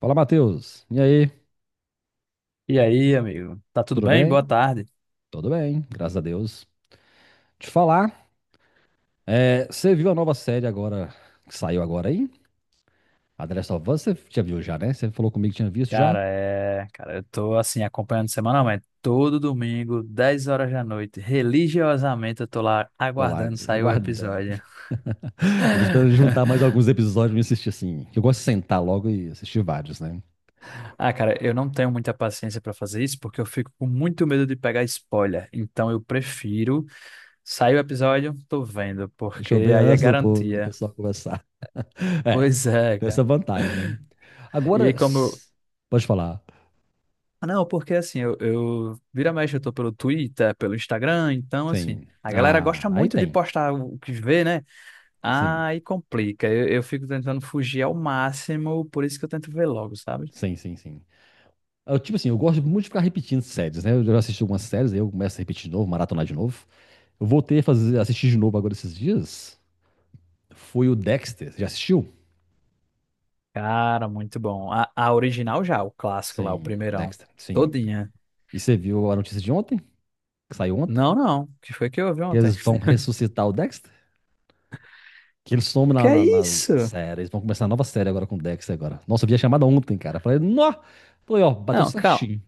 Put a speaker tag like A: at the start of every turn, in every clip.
A: Fala, Matheus. E aí?
B: E aí, amigo? Tá tudo
A: Tudo
B: bem? Boa
A: bem?
B: tarde.
A: Tudo bem, graças a Deus. Te falar, é, você viu a nova série agora, que saiu agora aí? A The Last of Us, você já viu já, né? Você falou comigo que tinha visto já?
B: Cara, eu tô assim acompanhando semanalmente, todo domingo, 10 horas da noite, religiosamente eu tô lá
A: Tô lá,
B: aguardando sair o
A: aguardando.
B: episódio.
A: Eu tô esperando juntar mais alguns episódios e assistir assim, que eu gosto de sentar logo e assistir vários, né?
B: Ah, cara, eu não tenho muita paciência pra fazer isso porque eu fico com muito medo de pegar spoiler. Então eu prefiro sair o episódio, tô vendo,
A: Deixa
B: porque
A: eu ver
B: aí é
A: antes do
B: garantia.
A: pessoal conversar. É,
B: Pois é,
A: tem essa
B: cara.
A: vantagem, né?
B: E
A: Agora,
B: aí, como
A: pode falar.
B: Ah, Não, porque assim, eu vira e mexe, eu tô pelo Twitter, pelo Instagram, então assim,
A: Sim.
B: a galera
A: Ah,
B: gosta
A: aí
B: muito de
A: tem.
B: postar o que vê, né?
A: Sim.
B: Aí complica. Eu fico tentando fugir ao máximo, por isso que eu tento ver logo, sabe?
A: Sim, sim, sim. Eu, tipo assim, eu gosto muito de ficar repetindo séries, né? Eu já assisti algumas séries, aí eu começo a repetir de novo, maratonar de novo. Eu voltei a fazer, assistir de novo agora esses dias. Foi o Dexter. Já assistiu?
B: Cara, muito bom. A original já, o clássico lá, o
A: Sim,
B: primeirão.
A: Dexter, sim.
B: Todinha.
A: E você viu a notícia de ontem, que saiu ontem?
B: Não, não. O que foi que eu ouvi
A: Que
B: ontem?
A: eles vão ressuscitar o Dexter? Que ele some
B: Que
A: na,
B: é
A: na, na
B: isso?
A: série. Eles vão começar a nova série agora com o Dexter agora. Nossa, eu vi a chamada ontem, cara. Falei, nó! Falei, ó, bateu
B: Não, calma.
A: certinho.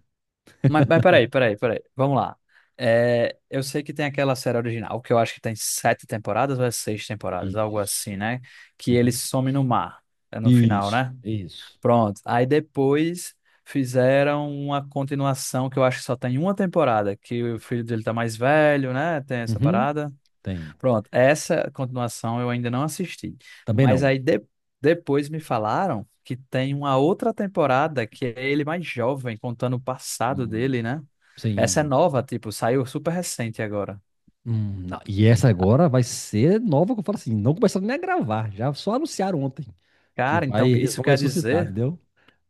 B: Mas, mas peraí. Vamos lá. É, eu sei que tem aquela série original, que eu acho que tem sete temporadas ou é seis temporadas, algo assim,
A: Isso.
B: né? Que ele
A: Uhum.
B: some no mar, é no final,
A: Isso,
B: né?
A: isso.
B: Pronto. Aí depois fizeram uma continuação que eu acho que só tem uma temporada, que o filho dele tá mais velho, né? Tem essa
A: Uhum.
B: parada.
A: Tem.
B: Pronto. Essa continuação eu ainda não assisti.
A: Também
B: Mas
A: não.
B: aí depois me falaram que tem uma outra temporada que é ele mais jovem, contando o passado
A: Hum,
B: dele, né? Essa é
A: sim.
B: nova, tipo, saiu super recente agora.
A: Não. E essa
B: Ah,
A: agora vai ser nova, que eu falo assim, não começaram nem a gravar, já só anunciaram ontem
B: cara, então
A: eles vão ressuscitar, entendeu?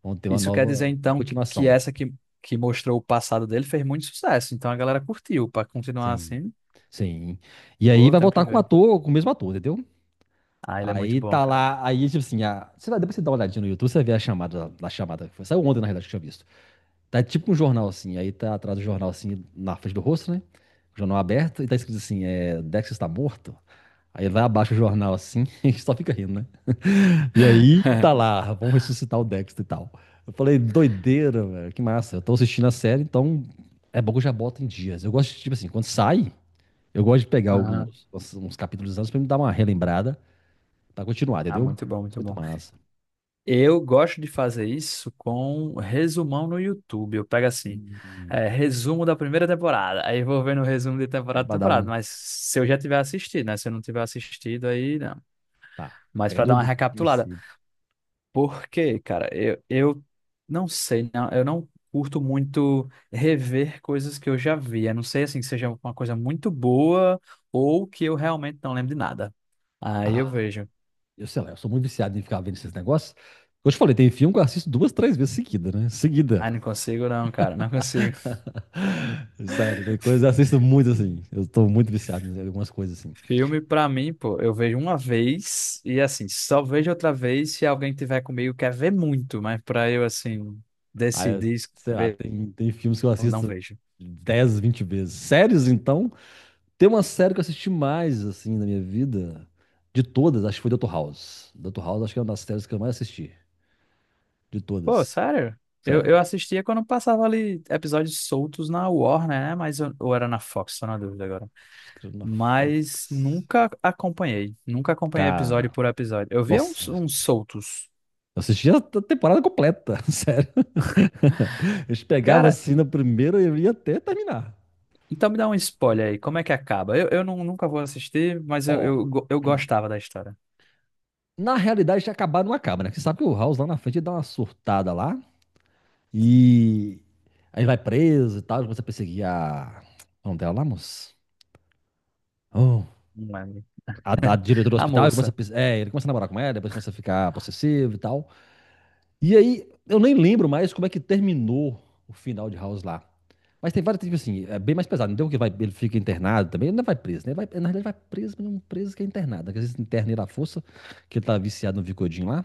A: Vão ter uma
B: isso quer dizer
A: nova, uma
B: então que
A: continuação.
B: essa que mostrou o passado dele fez muito sucesso. Então a galera curtiu. Pra continuar
A: Sim,
B: assim,
A: sim. E aí
B: pô,
A: vai
B: tenho que
A: voltar com o
B: ver.
A: ator, com o mesmo ator, entendeu?
B: Ah, ele é muito
A: Aí
B: bom,
A: tá
B: cara.
A: lá, aí tipo assim, a, você vai, depois você dá uma olhadinha no YouTube, você vê a chamada, que saiu ontem na realidade que eu tinha visto. Tá tipo um jornal assim, aí tá atrás do jornal assim, na frente do rosto, né? Jornal aberto, e tá escrito assim, é, Dex está morto. Aí vai abaixo o jornal assim, e só fica rindo, né? E aí tá lá, vamos ressuscitar o Dexter e tal. Eu falei, doideira, velho, que massa. Eu tô assistindo a série, então é bom que eu já boto em dias. Eu gosto, de, tipo assim, quando sai, eu gosto de pegar alguns
B: Aham.
A: uns capítulos antes pra me dar uma relembrada pra continuar,
B: Ah,
A: entendeu?
B: muito bom, muito
A: Muito
B: bom.
A: massa.
B: Eu gosto de fazer isso com resumão no YouTube. Eu pego assim,
A: Hum,
B: resumo da primeira temporada. Aí eu vou vendo o resumo de
A: só
B: temporada a
A: pra dar
B: temporada.
A: um.
B: Mas se eu já tiver assistido, né? Se eu não tiver assistido, aí não.
A: Tá.
B: Mas
A: Pega
B: pra
A: do,
B: dar uma
A: do
B: recapitulada.
A: princípio.
B: Porque, cara, eu não sei, não, eu não curto muito rever coisas que eu já vi. A não sei assim que seja uma coisa muito boa ou que eu realmente não lembro de nada. Aí eu
A: Ah,
B: vejo.
A: eu sei lá, eu sou muito viciado em ficar vendo esses negócios. Eu te falei, tem filme que eu assisto duas, três vezes seguida, né? Seguida.
B: Ah, não consigo não, cara, não consigo.
A: Sério, tem coisas, eu assisto muito assim. Eu tô muito viciado em algumas coisas assim.
B: Filme pra mim, pô, eu vejo uma vez e assim, só vejo outra vez se alguém tiver comigo quer ver muito, mas pra eu assim
A: Aí,
B: decidir
A: sei lá,
B: ver,
A: tem filmes que eu
B: eu não
A: assisto
B: vejo.
A: 10, 20 vezes. Séries, então, tem uma série que eu assisti mais assim na minha vida, de todas, acho que foi Dr. House. Dr. House acho que é uma das séries que eu mais assisti, de
B: Pô,
A: todas.
B: sério? Eu
A: Sério.
B: assistia quando passava ali episódios soltos na Warner, né? Mas eu, ou era na Fox, tô na dúvida agora.
A: Acho que era na
B: Mas
A: Fox.
B: nunca acompanhei. Nunca acompanhei episódio
A: Cara,
B: por episódio. Eu via
A: nossa,
B: uns, uns soltos.
A: eu assistia a temporada completa, sério. A gente pegava
B: Cara,
A: assim na primeira e eu ia até terminar.
B: então me dá um spoiler aí. Como é que acaba? Eu não, nunca vou assistir, mas eu,
A: Ó,
B: eu gostava da história.
A: na realidade, acabar não acaba, né? Porque você sabe que o House lá na frente ele dá uma surtada lá e aí vai preso e tal, ele começa a perseguir a. Como dela lá, moço? Oh,
B: Não lembro.
A: a diretora do
B: A
A: hospital, ele começa a,
B: moça.
A: ele começa a namorar com ela, depois começa a ficar possessivo e tal. E aí, eu nem lembro mais como é que terminou o final de House lá. Mas tem vários, tipo assim, é bem mais pesado. Não tem um que vai, ele fica internado também, ele não vai preso, né? Ele vai, na realidade, vai preso, mas não preso que é internado, né? Que às vezes interna ele à força, que ele tá viciado no Vicodin lá.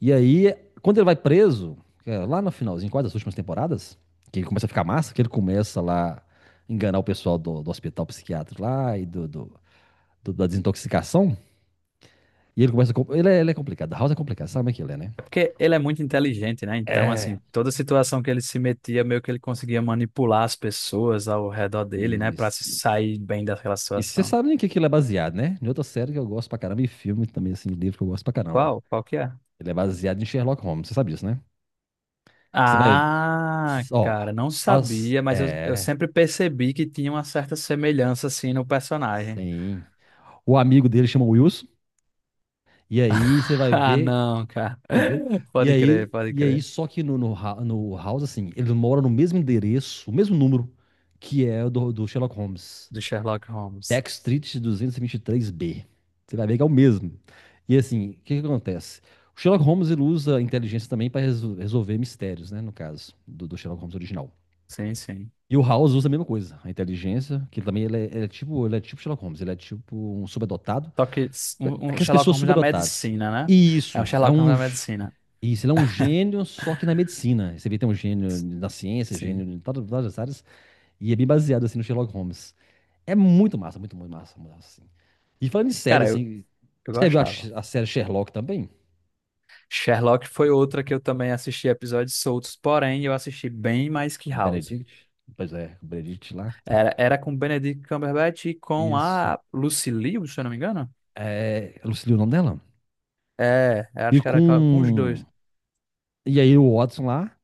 A: E aí, quando ele vai preso, é, lá no finalzinho, quase das últimas temporadas, que ele começa a ficar massa, que ele começa lá a enganar o pessoal do hospital psiquiátrico lá e da desintoxicação. E ele começa a, ele é, ele é complicado. A House é complicado, sabe como é que ele é, né?
B: É porque ele é muito inteligente, né? Então,
A: É.
B: assim, toda situação que ele se metia, meio que ele conseguia manipular as pessoas ao redor dele, né?
A: E
B: Pra se sair bem daquela
A: você
B: situação.
A: sabe em que ele é baseado, né? Em outra série que eu gosto pra caramba e filme também, assim, livro que eu gosto pra caramba.
B: Qual? Qual que é?
A: Ele é baseado em Sherlock Holmes, você sabe disso, né? Você vai.
B: Ah,
A: Ó.
B: cara, não
A: As.
B: sabia, mas eu
A: É.
B: sempre percebi que tinha uma certa semelhança, assim, no personagem.
A: Sim. O amigo dele chama Wilson. E aí você vai
B: Ah,
A: ver,
B: não, cara.
A: entendeu? E
B: Pode crer,
A: aí,
B: pode
A: e aí
B: crer.
A: só que no House, assim, eles moram no mesmo endereço, o mesmo número, que é o do Sherlock Holmes.
B: Do Sherlock Holmes.
A: Back Street 223B. Você vai ver que é o mesmo. E assim, o que que acontece? O Sherlock Holmes ele usa a inteligência também para resolver mistérios, né? No caso do Sherlock Holmes original.
B: Sim, sim.
A: E o House usa a mesma coisa, a inteligência, que também ele é tipo Sherlock Holmes, ele é tipo um subadotado.
B: Só que um, um
A: Aquelas
B: Sherlock
A: pessoas
B: Holmes da
A: subadotadas.
B: medicina, né?
A: E
B: É um
A: isso, é
B: Sherlock Holmes
A: um
B: da medicina.
A: isso, ele é um gênio, só que na medicina. Você vê, tem um gênio na ciência, gênio
B: Sim.
A: em todas, as áreas, e é bem baseado, assim, no Sherlock Holmes. É muito massa, assim. E falando em série,
B: Cara, eu,
A: assim,
B: eu
A: você viu a,
B: gostava.
A: a série Sherlock também?
B: Sherlock foi outra que eu também assisti episódios soltos, porém eu assisti bem mais que
A: Com o
B: House.
A: Benedict? Pois é, com o Benedict lá.
B: Era, era com Benedict Cumberbatch e com
A: Isso.
B: a Lucy Liu, se eu não me engano.
A: É, eu não sei o nome dela.
B: É, eu
A: E
B: acho que era com os
A: com...
B: dois.
A: E aí o Watson lá,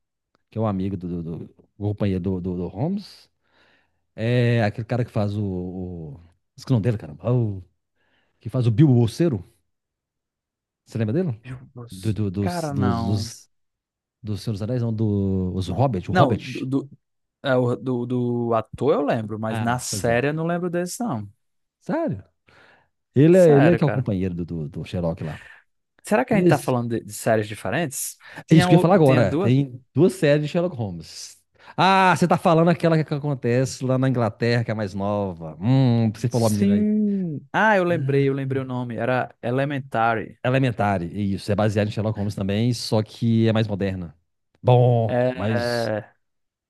A: que é o amigo do, do, do o companheiro do, do, do Holmes, é aquele cara que faz o, esqueci o nome dele, caramba. Que faz o Bilbo Bolseiro. Você lembra dele?
B: Meu
A: Do,
B: Deus.
A: do- dos,
B: Cara,
A: dos,
B: não.
A: dos, do Senhor dos Anéis, não, os Hobbit, o
B: Não, do,
A: Hobbit.
B: do, do, do ator eu lembro, mas na
A: Ah, pois é.
B: série eu não lembro desse, não.
A: Sério? Ele é
B: Sério,
A: que é o
B: cara.
A: companheiro do Sherlock lá.
B: Será que a gente tá
A: Isso,
B: falando de séries diferentes?
A: é isso
B: Tinha,
A: que eu ia falar
B: tinha
A: agora.
B: duas?
A: Tem duas séries de Sherlock Holmes. Ah, você tá falando aquela que acontece lá na Inglaterra, que é a mais nova. Você falou a mina aí.
B: Sim. Ah, eu lembrei o nome. Era Elementary.
A: Elementary, isso. É baseado em Sherlock Holmes também, só que é mais moderna. Bom, mas,
B: É,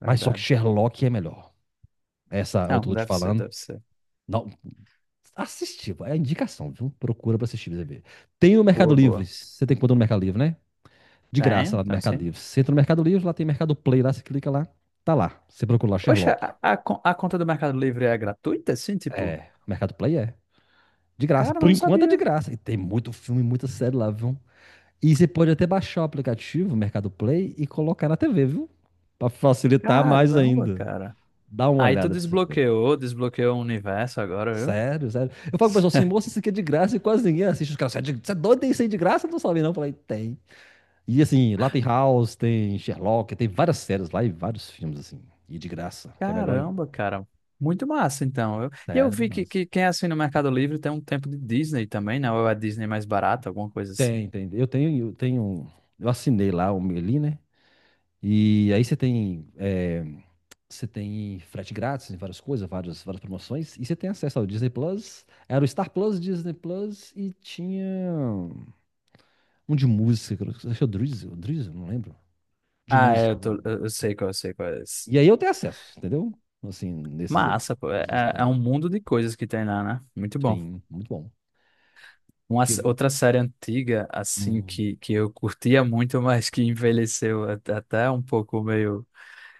A: só que Sherlock é melhor. Essa
B: Não,
A: outra que eu tô te
B: deve ser,
A: falando.
B: deve ser.
A: Não. Assistir, é indicação, viu? Procura pra assistir, pra você ver. Tem o Mercado
B: Boa,
A: Livre,
B: boa.
A: você tem conta no Mercado Livre, né? De
B: Tenho,
A: graça lá no
B: então
A: Mercado
B: sim.
A: Livre. Você entra no Mercado Livre, lá tem Mercado Play, lá você clica lá, tá lá. Você procura lá
B: Oxe,
A: Sherlock.
B: a conta do Mercado Livre é gratuita, assim, tipo?
A: É, o Mercado Play é. De graça,
B: Cara,
A: por
B: não
A: enquanto é de
B: sabia.
A: graça. E tem muito filme, muita série lá, viu? E você pode até baixar o aplicativo, Mercado Play, e colocar na TV, viu? Pra facilitar mais
B: Caramba,
A: ainda.
B: cara.
A: Dá uma
B: Aí tu
A: olhada pra você ver.
B: desbloqueou, desbloqueou o universo agora, viu?
A: Sério, sério. Eu falo pro pessoal assim, moça, isso aqui é de graça e quase ninguém assiste. Os caras, você é doido, tem isso aí de graça? Eu não sabe não. Eu falei, tem. E assim, lá tem House, tem Sherlock, tem várias séries lá e vários filmes, assim. E de graça, que é melhor ainda.
B: Caramba, cara. Muito massa, então. E eu,
A: Sério,
B: vi
A: nossa.
B: que quem é assim no Mercado Livre tem um tempo de Disney também, né? Ou é a Disney mais barata, alguma coisa assim.
A: Tem. Eu tenho um. Eu assinei lá o Meli, né? E aí você tem frete grátis, várias coisas, várias, várias promoções. E você tem acesso ao Disney Plus. Era o Star Plus, Disney Plus e tinha um de música, acho que é o Drizzle, não lembro. De
B: Ah, é, eu,
A: música
B: tô,
A: também.
B: eu sei qual, eu sei qual é esse.
A: E aí eu tenho acesso, entendeu? Assim, nesses aí.
B: Massa, pô.
A: A
B: É,
A: Disney
B: é um
A: também.
B: mundo de coisas que tem lá, né? Muito bom.
A: Sim, muito bom. Que viu?
B: Outra série antiga, assim,
A: Hum,
B: que eu curtia muito, mas que envelheceu até um pouco meio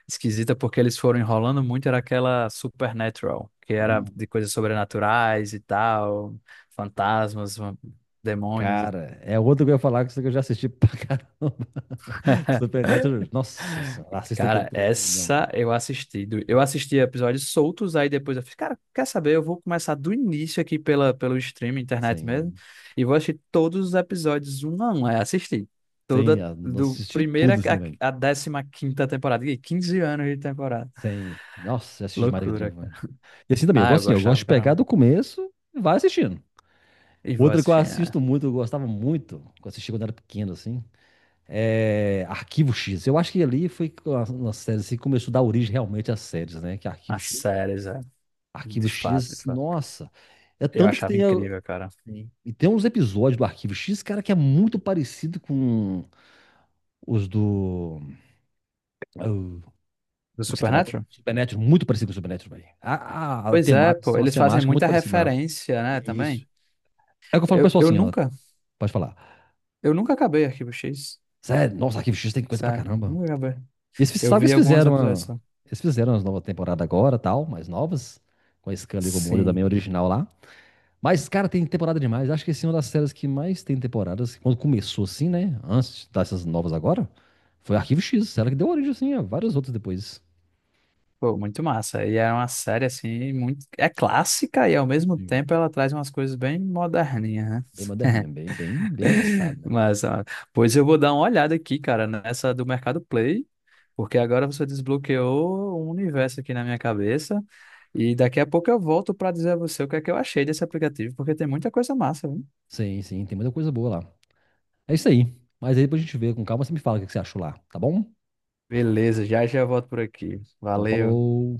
B: esquisita, porque eles foram enrolando muito, era aquela Supernatural, que era
A: hum.
B: de coisas sobrenaturais e tal, fantasmas, vam- demônios.
A: Cara, é outro que eu ia falar que isso aqui eu já assisti pra caramba. Supernatural, nossa senhora, assista aquele
B: Cara,
A: trem, não,
B: essa eu assisti. Eu assisti episódios soltos, aí depois eu fiz, cara, quer saber? Eu vou começar do início aqui pela, pelo streaming, internet mesmo,
A: sem,
B: e vou assistir todos os episódios um a um. Aí assisti.
A: sem,
B: Toda,
A: ah, não
B: do
A: assisti
B: primeira
A: tudo assim também,
B: a décima quinta temporada. Ih, 15 anos de temporada.
A: sem, nossa, eu assisti demais aquele trem,
B: Loucura, cara.
A: mano. E assim também, eu
B: Ah, eu
A: gosto assim, eu gosto
B: gostava,
A: de pegar
B: caramba.
A: do começo e vai assistindo.
B: E vou
A: Outra que eu
B: assistir né,
A: assisto muito, eu gostava muito, que eu assisti quando era pequeno, assim, é Arquivo X. Eu acho que ali foi uma série assim, que começou a dar origem realmente às séries, né, que é Arquivo
B: as
A: X.
B: séries, é.
A: Arquivo
B: De fato, de
A: X,
B: fato.
A: nossa. É
B: Eu
A: tanto que
B: achava
A: tem.
B: incrível, cara.
A: E tem uns episódios do Arquivo X, cara, que é muito parecido com os do. Ah, o-
B: Do
A: Do que você falou agora?
B: Supernatural?
A: Supernatural, muito parecido com o Supernatural, velho. A
B: Pois é,
A: temática,
B: pô.
A: tem umas
B: Eles fazem
A: temáticas muito
B: muita
A: parecidas lá.
B: referência, né, também.
A: Isso. É o que eu falo pro
B: Eu,
A: pessoal
B: eu
A: assim, ó.
B: nunca
A: Pode falar.
B: Eu nunca acabei Arquivo X,
A: Sério, nossa, Arquivo X tem coisa pra
B: sério.
A: caramba.
B: Nunca acabei.
A: E eles,
B: Eu
A: sabe que
B: vi
A: eles
B: alguns
A: fizeram
B: episódios
A: uma.
B: só.
A: Eles fizeram as novas temporadas agora, tal, mais novas. Com a Scully e com o molho também
B: Sim.
A: original lá. Mas, cara, tem temporada demais. Acho que esse é uma das séries que mais tem temporadas. Quando começou assim, né? Antes dessas novas agora, foi Arquivo X, série que deu origem assim a várias outras depois.
B: Pô, muito massa. E é uma série, assim, muito... É clássica e, ao mesmo tempo,
A: Sim.
B: ela traz umas coisas bem moderninhas,
A: Bem
B: né?
A: moderninha, bem, bem, bem avançada, né?
B: Mas, ó, pois eu vou dar uma olhada aqui, cara, nessa do Mercado Play, porque agora você desbloqueou um universo aqui na minha cabeça. E daqui a pouco eu volto para dizer a você o que é que eu achei desse aplicativo, porque tem muita coisa massa, viu?
A: Sim, sim, tem muita coisa boa lá. É isso aí. Mas aí depois a gente vê com calma, você me fala o que que você achou lá, tá bom?
B: Beleza, já já volto por aqui.
A: Então,
B: Valeu.
A: falou.